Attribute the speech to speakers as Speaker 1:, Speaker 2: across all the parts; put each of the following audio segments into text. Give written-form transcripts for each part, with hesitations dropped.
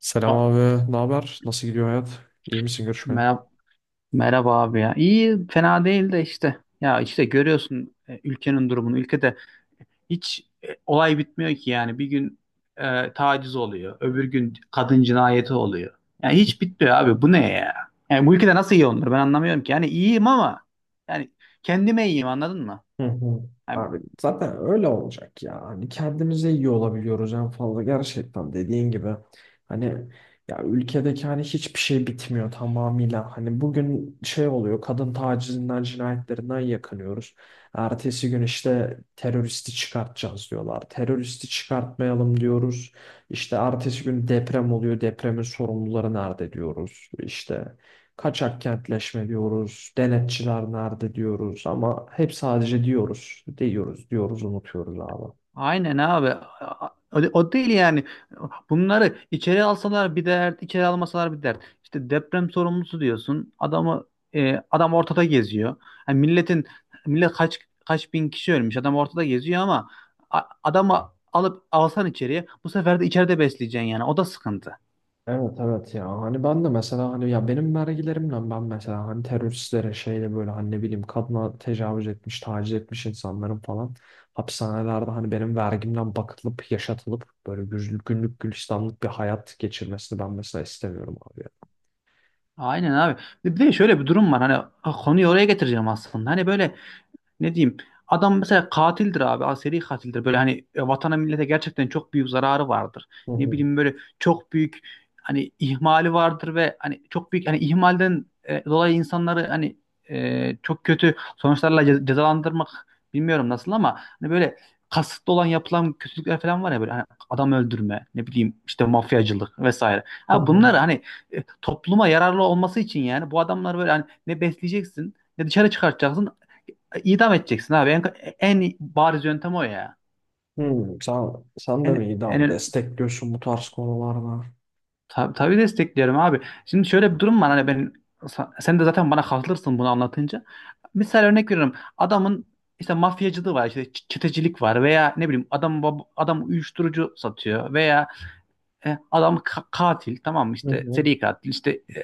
Speaker 1: Selam
Speaker 2: A-
Speaker 1: abi, ne haber? Nasıl gidiyor hayat? İyi misin görüşmeye?
Speaker 2: Merhaba, merhaba abi ya. İyi, fena değil de işte. Ya işte görüyorsun, ülkenin durumunu. Ülkede hiç olay bitmiyor ki yani. Bir gün taciz oluyor. Öbür gün kadın cinayeti oluyor. Yani hiç bitmiyor abi. Bu ne ya? Yani bu ülkede nasıl iyi olunur? Ben anlamıyorum ki. Yani iyiyim ama yani kendime iyiyim, anladın mı?
Speaker 1: Hı hı.
Speaker 2: Yani
Speaker 1: Abi zaten öyle olacak ya. Hani kendimize iyi olabiliyoruz en fazla gerçekten dediğin gibi. Hani ya ülkedeki hani hiçbir şey bitmiyor tamamıyla. Hani bugün şey oluyor, kadın tacizinden cinayetlerinden yakınıyoruz. Ertesi gün işte teröristi çıkartacağız diyorlar. Teröristi çıkartmayalım diyoruz. İşte ertesi gün deprem oluyor. Depremin sorumluları nerede diyoruz. İşte kaçak kentleşme diyoruz, denetçiler nerede diyoruz, ama hep sadece diyoruz, diyoruz, diyoruz, unutuyoruz abi.
Speaker 2: aynen abi. O, o değil yani. Bunları içeri alsalar bir dert, içeri almasalar bir dert. İşte deprem sorumlusu diyorsun. Adam ortada geziyor. Yani millet kaç bin kişi ölmüş. Adam ortada geziyor ama adamı alıp alsan içeriye, bu sefer de içeride besleyeceksin yani. O da sıkıntı.
Speaker 1: Evet evet, ya hani ben de mesela hani ya benim vergilerimle ben mesela hani teröristlere şeyle böyle hani ne bileyim kadına tecavüz etmiş, taciz etmiş insanların falan hapishanelerde hani benim vergimden bakılıp yaşatılıp böyle günlük gülistanlık bir hayat geçirmesini ben mesela istemiyorum abi, ya.
Speaker 2: Aynen abi. Bir de şöyle bir durum var. Hani konuyu oraya getireceğim aslında. Hani böyle, ne diyeyim, adam mesela katildir abi, aseri katildir, böyle hani, vatana millete gerçekten çok büyük zararı vardır.
Speaker 1: Hı
Speaker 2: Ne
Speaker 1: hı.
Speaker 2: bileyim, böyle çok büyük hani ihmali vardır ve hani çok büyük hani ihmalden dolayı insanları hani çok kötü sonuçlarla cezalandırmak, bilmiyorum nasıl, ama hani böyle kasıtlı olan yapılan kötülükler falan var ya. Böyle hani adam öldürme, ne bileyim, işte mafyacılık vesaire.
Speaker 1: Hı
Speaker 2: Ha
Speaker 1: hı.
Speaker 2: bunlar hani topluma yararlı olması için, yani bu adamlar böyle hani ne besleyeceksin, ne dışarı çıkartacaksın. İdam edeceksin abi. En bariz yöntem o ya.
Speaker 1: Hmm, sen, sen de mi
Speaker 2: En,
Speaker 1: iyi ama
Speaker 2: en,
Speaker 1: destekliyorsun bu tarz konularda?
Speaker 2: tabii, tabii destekliyorum abi. Şimdi şöyle bir durum var. Hani sen de zaten bana katılırsın bunu anlatınca. Misal, örnek veriyorum. Adamın işte mafyacılığı var, işte çetecilik var, veya ne bileyim, adam adam uyuşturucu satıyor, veya adam katil, tamam mı,
Speaker 1: Hı
Speaker 2: işte
Speaker 1: hı.
Speaker 2: seri katil, işte e,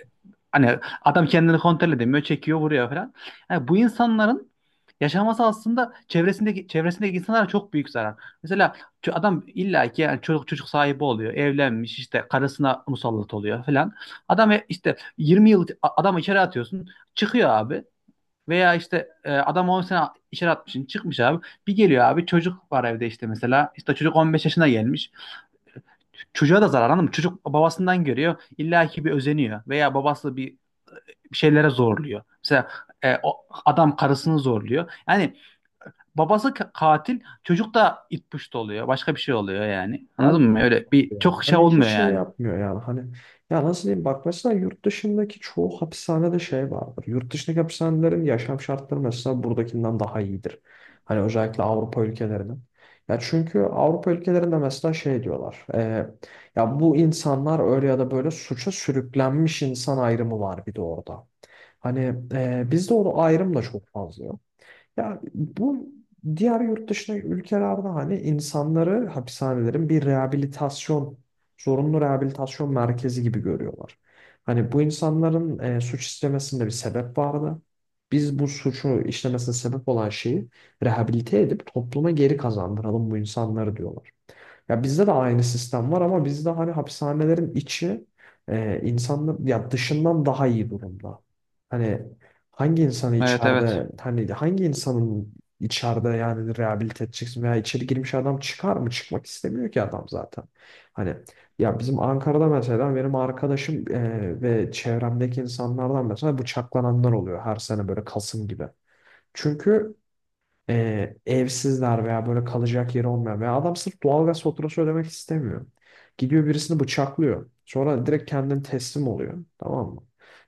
Speaker 2: hani adam kendini kontrol edemiyor, çekiyor, vuruyor falan. Yani bu insanların yaşaması aslında çevresindeki insanlara çok büyük zarar. Mesela adam illa ki, yani çocuk sahibi oluyor, evlenmiş, işte karısına musallat oluyor falan. Adam işte 20 yıl adam içeri atıyorsun, çıkıyor abi. Veya işte adam 10 sene içeri atmışsın, çıkmış abi. Bir geliyor abi, çocuk var evde işte mesela. İşte çocuk 15 yaşına gelmiş. Çocuğa da zarar, anladın mı? Çocuk babasından görüyor. İlla ki bir özeniyor. Veya babası bir şeylere zorluyor. Mesela o adam karısını zorluyor. Yani babası katil, çocuk da it puşt oluyor. Başka bir şey oluyor yani.
Speaker 1: Ya,
Speaker 2: Anladın mı? Öyle bir
Speaker 1: abi ya.
Speaker 2: çok şey
Speaker 1: Hani
Speaker 2: olmuyor
Speaker 1: hiç şey
Speaker 2: yani.
Speaker 1: yapmıyor yani hani ya nasıl diyeyim bak mesela yurt dışındaki çoğu hapishanede şey vardır. Yurt dışındaki hapishanelerin yaşam şartları mesela buradakinden daha iyidir. Hani özellikle Avrupa ülkelerinin. Ya çünkü Avrupa ülkelerinde mesela şey diyorlar. Ya bu insanlar öyle ya da böyle suça sürüklenmiş insan ayrımı var bir de orada. Hani bizde o ayrım da çok fazla yok. Ya bu diğer yurt dışındaki ülkelerde hani insanları hapishanelerin bir rehabilitasyon, zorunlu rehabilitasyon merkezi gibi görüyorlar. Hani bu insanların suç işlemesinde bir sebep vardı. Biz bu suçu işlemesine sebep olan şeyi rehabilite edip topluma geri kazandıralım bu insanları diyorlar. Ya bizde de aynı sistem var, ama bizde hani hapishanelerin içi insanlar ya dışından daha iyi durumda. Hani hangi insanı
Speaker 2: Evet, evet.
Speaker 1: içeride hani hangi insanın içeride yani rehabilite edeceksin veya içeri girmiş adam çıkar mı? Çıkmak istemiyor ki adam zaten. Hani ya bizim Ankara'da mesela benim arkadaşım ve çevremdeki insanlardan mesela bıçaklananlar oluyor her sene böyle Kasım gibi. Çünkü evsizler veya böyle kalacak yeri olmayan veya adam sırf doğalgaz faturası ödemek istemiyor. Gidiyor birisini bıçaklıyor. Sonra direkt kendini teslim oluyor. Tamam mı?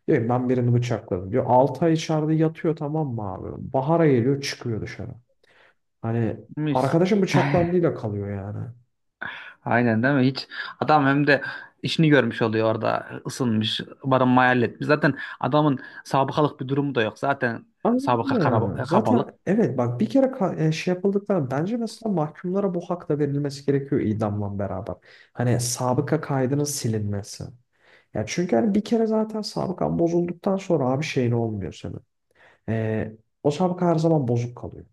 Speaker 1: Diyor ki, ben birini bıçakladım. Diyor, 6 ay içeride yatıyor tamam mı abi? Bahara geliyor, çıkıyor dışarı. Hani
Speaker 2: Mis.
Speaker 1: arkadaşın bıçaklandığıyla kalıyor yani.
Speaker 2: Aynen değil mi? Hiç adam hem de işini görmüş oluyor, orada ısınmış, barınmayı halletmiş. Zaten adamın sabıkalık bir durumu da yok. Zaten
Speaker 1: Anladın
Speaker 2: sabıka
Speaker 1: mı yani?
Speaker 2: kabalık.
Speaker 1: Zaten evet bak, bir kere şey yapıldıktan bence mesela mahkumlara bu hak da verilmesi gerekiyor idamla beraber. Hani sabıka kaydının silinmesi. Ya çünkü hani bir kere zaten sabıkan bozulduktan sonra abi şeyin olmuyor senin. Ee, o sabıka her zaman bozuk kalıyor.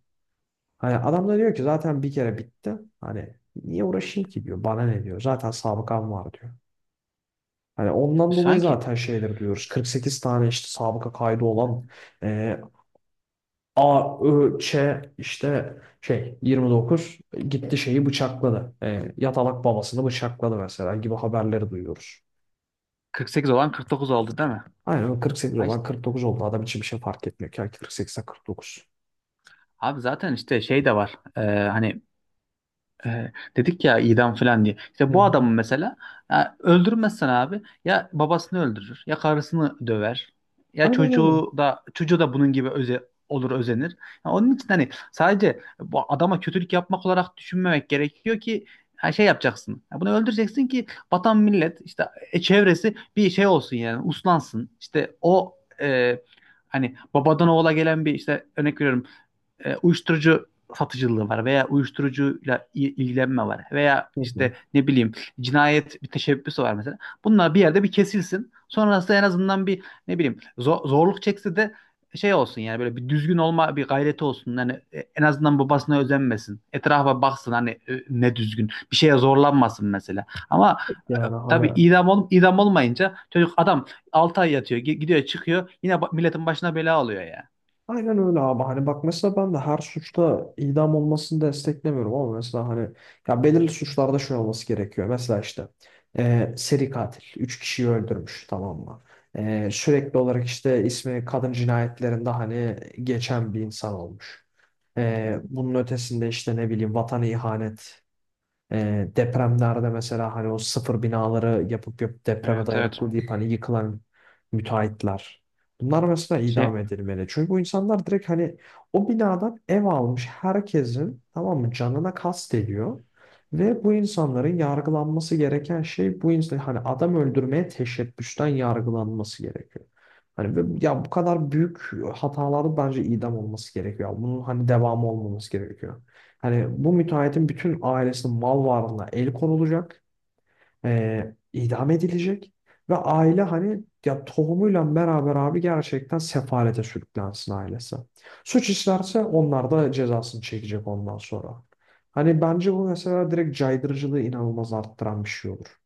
Speaker 1: Hani adam da diyor ki zaten bir kere bitti. Hani niye uğraşayım ki diyor. Bana ne diyor. Zaten sabıkam var diyor. Hani ondan dolayı
Speaker 2: Sanki
Speaker 1: zaten şeyleri diyoruz. 48 tane işte sabıka kaydı olan e, A, Ö, Ç işte şey 29 gitti şeyi bıçakladı. Yatalak babasını bıçakladı mesela gibi haberleri duyuyoruz.
Speaker 2: 48 olan 49 oldu değil mi?
Speaker 1: Aynen, o 48
Speaker 2: Ay
Speaker 1: olan
Speaker 2: işte-
Speaker 1: 49 oldu. Adam için bir şey fark etmiyor ki. 48'e 49.
Speaker 2: abi zaten işte şey de var. Hani dedik ya idam falan diye.
Speaker 1: Hı
Speaker 2: İşte bu
Speaker 1: hı.
Speaker 2: adamı mesela, ya öldürmezsen abi, ya babasını öldürür, ya karısını döver, ya
Speaker 1: Aynen öyle.
Speaker 2: çocuğu da bunun gibi olur, özenir. Ya onun için hani sadece bu adama kötülük yapmak olarak düşünmemek gerekiyor ki, her şey yapacaksın. Ya bunu öldüreceksin ki vatan millet, işte çevresi bir şey olsun yani, uslansın. İşte o, e, hani babadan oğula gelen bir, işte örnek veriyorum, uyuşturucu satıcılığı var, veya uyuşturucuyla ilgilenme var, veya
Speaker 1: Hı hı.
Speaker 2: işte ne bileyim cinayet bir teşebbüsü var mesela. Bunlar bir yerde bir kesilsin. Sonrası en azından bir, ne bileyim, zorluk çekse de şey olsun yani, böyle bir düzgün olma bir gayreti olsun. Yani en azından babasına özenmesin. Etrafa baksın hani ne düzgün. Bir şeye zorlanmasın mesela. Ama
Speaker 1: Yani
Speaker 2: tabii
Speaker 1: hani
Speaker 2: idam olmayınca adam 6 ay yatıyor, gidiyor, çıkıyor. Yine milletin başına bela oluyor ya.
Speaker 1: aynen öyle abi. Hani bak mesela ben de her suçta idam olmasını desteklemiyorum ama mesela hani ya belirli suçlarda şöyle olması gerekiyor. Mesela işte seri katil 3 kişiyi öldürmüş tamam mı? Sürekli olarak işte ismi kadın cinayetlerinde hani geçen bir insan olmuş. Bunun ötesinde işte ne bileyim vatan ihanet. Depremlerde mesela hani o sıfır binaları yapıp yapıp depreme
Speaker 2: Evet, evet.
Speaker 1: dayanıklı deyip hani yıkılan müteahhitler. Bunlar mesela
Speaker 2: Şey
Speaker 1: idam edilmeli. Çünkü bu insanlar direkt hani o binadan ev almış herkesin tamam mı canına kast ediyor. Ve bu insanların yargılanması gereken şey bu insan hani adam öldürmeye teşebbüsten yargılanması gerekiyor. Hani ya bu kadar büyük hataların bence idam olması gerekiyor. Bunun hani devamı olmaması gerekiyor. Hani bu müteahhitin bütün ailesinin mal varlığına el konulacak, idam edilecek ve aile hani ya tohumuyla beraber abi gerçekten sefalete sürüklensin ailesi. Suç işlerse onlar da cezasını çekecek ondan sonra. Hani bence bu mesela direkt caydırıcılığı inanılmaz arttıran bir şey olur.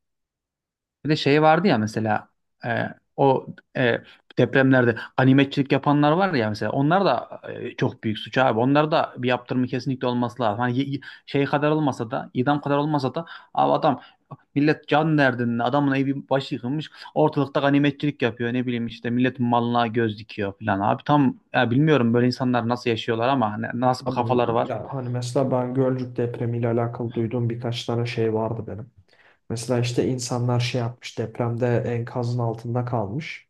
Speaker 2: Bir de şey vardı ya mesela, e, o, e, depremlerde animatçilik yapanlar var ya, mesela onlar da çok büyük suç abi. Onlar da bir yaptırımı kesinlikle olması lazım. Hani şey kadar olmasa da, idam kadar olmasa da, abi adam, millet can derdinde, adamın evi başı yıkılmış, ortalıkta animatçilik yapıyor, ne bileyim işte milletin malına göz dikiyor falan abi, tam ya bilmiyorum böyle insanlar nasıl yaşıyorlar, ama nasıl bir
Speaker 1: Abi,
Speaker 2: kafaları var.
Speaker 1: ya hani mesela ben Gölcük depremiyle alakalı duyduğum birkaç tane şey vardı benim. Mesela işte insanlar şey yapmış depremde, enkazın altında kalmış.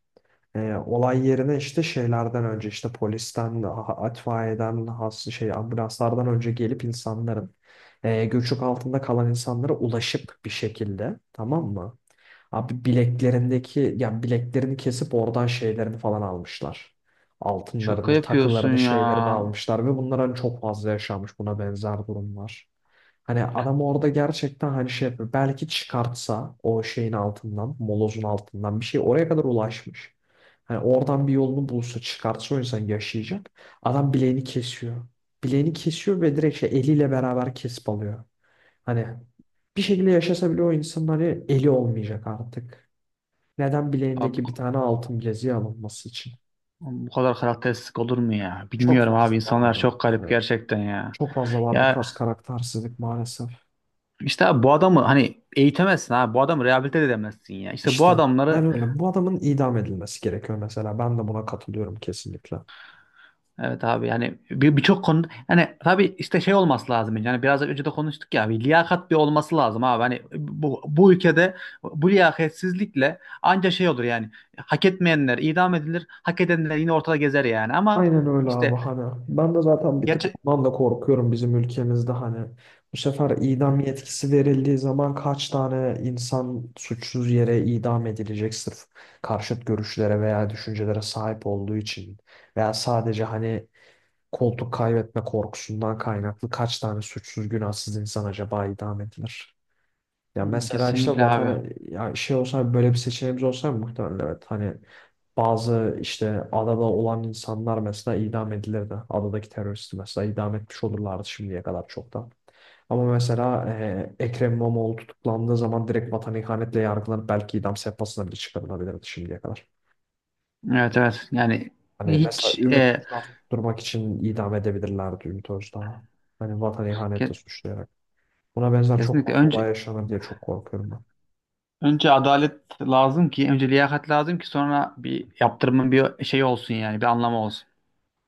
Speaker 1: Olay yerine işte şeylerden önce işte polisten, itfaiyeden, has şey ambulanslardan önce gelip insanların göçük altında kalan insanlara ulaşıp bir şekilde tamam mı? Abi bileklerindeki yani bileklerini kesip oradan şeylerini falan almışlar. Altınlarını,
Speaker 2: Şaka yapıyorsun
Speaker 1: takılarını,
Speaker 2: ya.
Speaker 1: şeylerini almışlar ve bunlar hani çok fazla yaşanmış, buna benzer durumlar. Hani adam orada gerçekten hani şey yapıyor. Belki çıkartsa o şeyin altından, molozun altından bir şey, oraya kadar ulaşmış. Hani oradan bir yolunu bulsa, çıkartsa o insan yaşayacak. Adam bileğini kesiyor. Bileğini kesiyor ve direkt şey eliyle beraber kesip alıyor. Hani bir şekilde yaşasa bile o insan hani eli olmayacak artık. Neden,
Speaker 2: Abi,
Speaker 1: bileğindeki bir tane altın bileziği alınması için?
Speaker 2: oğlum, bu kadar karakteristik olur mu ya?
Speaker 1: Çok
Speaker 2: Bilmiyorum
Speaker 1: fazla
Speaker 2: abi,
Speaker 1: var
Speaker 2: insanlar
Speaker 1: abi.
Speaker 2: çok garip
Speaker 1: Yani
Speaker 2: gerçekten ya.
Speaker 1: çok fazla var bu tarz
Speaker 2: Ya
Speaker 1: karaktersizlik maalesef.
Speaker 2: işte abi, bu adamı hani eğitemezsin abi. Bu adamı rehabilite de edemezsin ya. İşte bu
Speaker 1: İşte
Speaker 2: adamları,
Speaker 1: aynen öyle. Bu adamın idam edilmesi gerekiyor mesela. Ben de buna katılıyorum kesinlikle.
Speaker 2: evet abi, yani birçok konu hani, tabii işte şey olması lazım. Yani biraz önce de konuştuk ya, bir liyakat bir olması lazım abi. Hani bu ülkede bu liyakatsizlikle anca şey olur yani. Hak etmeyenler idam edilir. Hak edenler yine ortada gezer yani, ama
Speaker 1: Aynen öyle abi,
Speaker 2: işte
Speaker 1: hani ben de zaten bir tık
Speaker 2: gerçek,
Speaker 1: ondan da korkuyorum bizim ülkemizde. Hani bu sefer idam yetkisi verildiği zaman kaç tane insan suçsuz yere idam edilecek sırf karşıt görüşlere veya düşüncelere sahip olduğu için veya sadece hani koltuk kaybetme korkusundan kaynaklı kaç tane suçsuz günahsız insan acaba idam edilir? Ya mesela işte
Speaker 2: kesinlikle abi.
Speaker 1: vatan ya şey olsa, böyle bir seçeneğimiz olsa muhtemelen evet hani bazı işte adada olan insanlar mesela idam edilirdi. Adadaki teröristi mesela idam etmiş olurlardı şimdiye kadar çoktan. Ama mesela Ekrem İmamoğlu tutuklandığı zaman direkt vatan ihanetle yargılanıp belki idam sehpasına bile çıkarılabilirdi şimdiye kadar.
Speaker 2: Evet, evet yani,
Speaker 1: Hani mesela
Speaker 2: hiç
Speaker 1: Ümit Özdağ'ı tutturmak için idam edebilirlerdi Ümit Özdağ'ı. Hani vatan ihanetle
Speaker 2: ke-
Speaker 1: suçlayarak. Buna benzer çok
Speaker 2: kesinlikle,
Speaker 1: fazla
Speaker 2: önce
Speaker 1: olay yaşanır diye çok korkuyorum ben.
Speaker 2: önce adalet lazım ki, önce liyakat lazım ki, sonra bir yaptırımın bir şey olsun yani, bir anlamı olsun.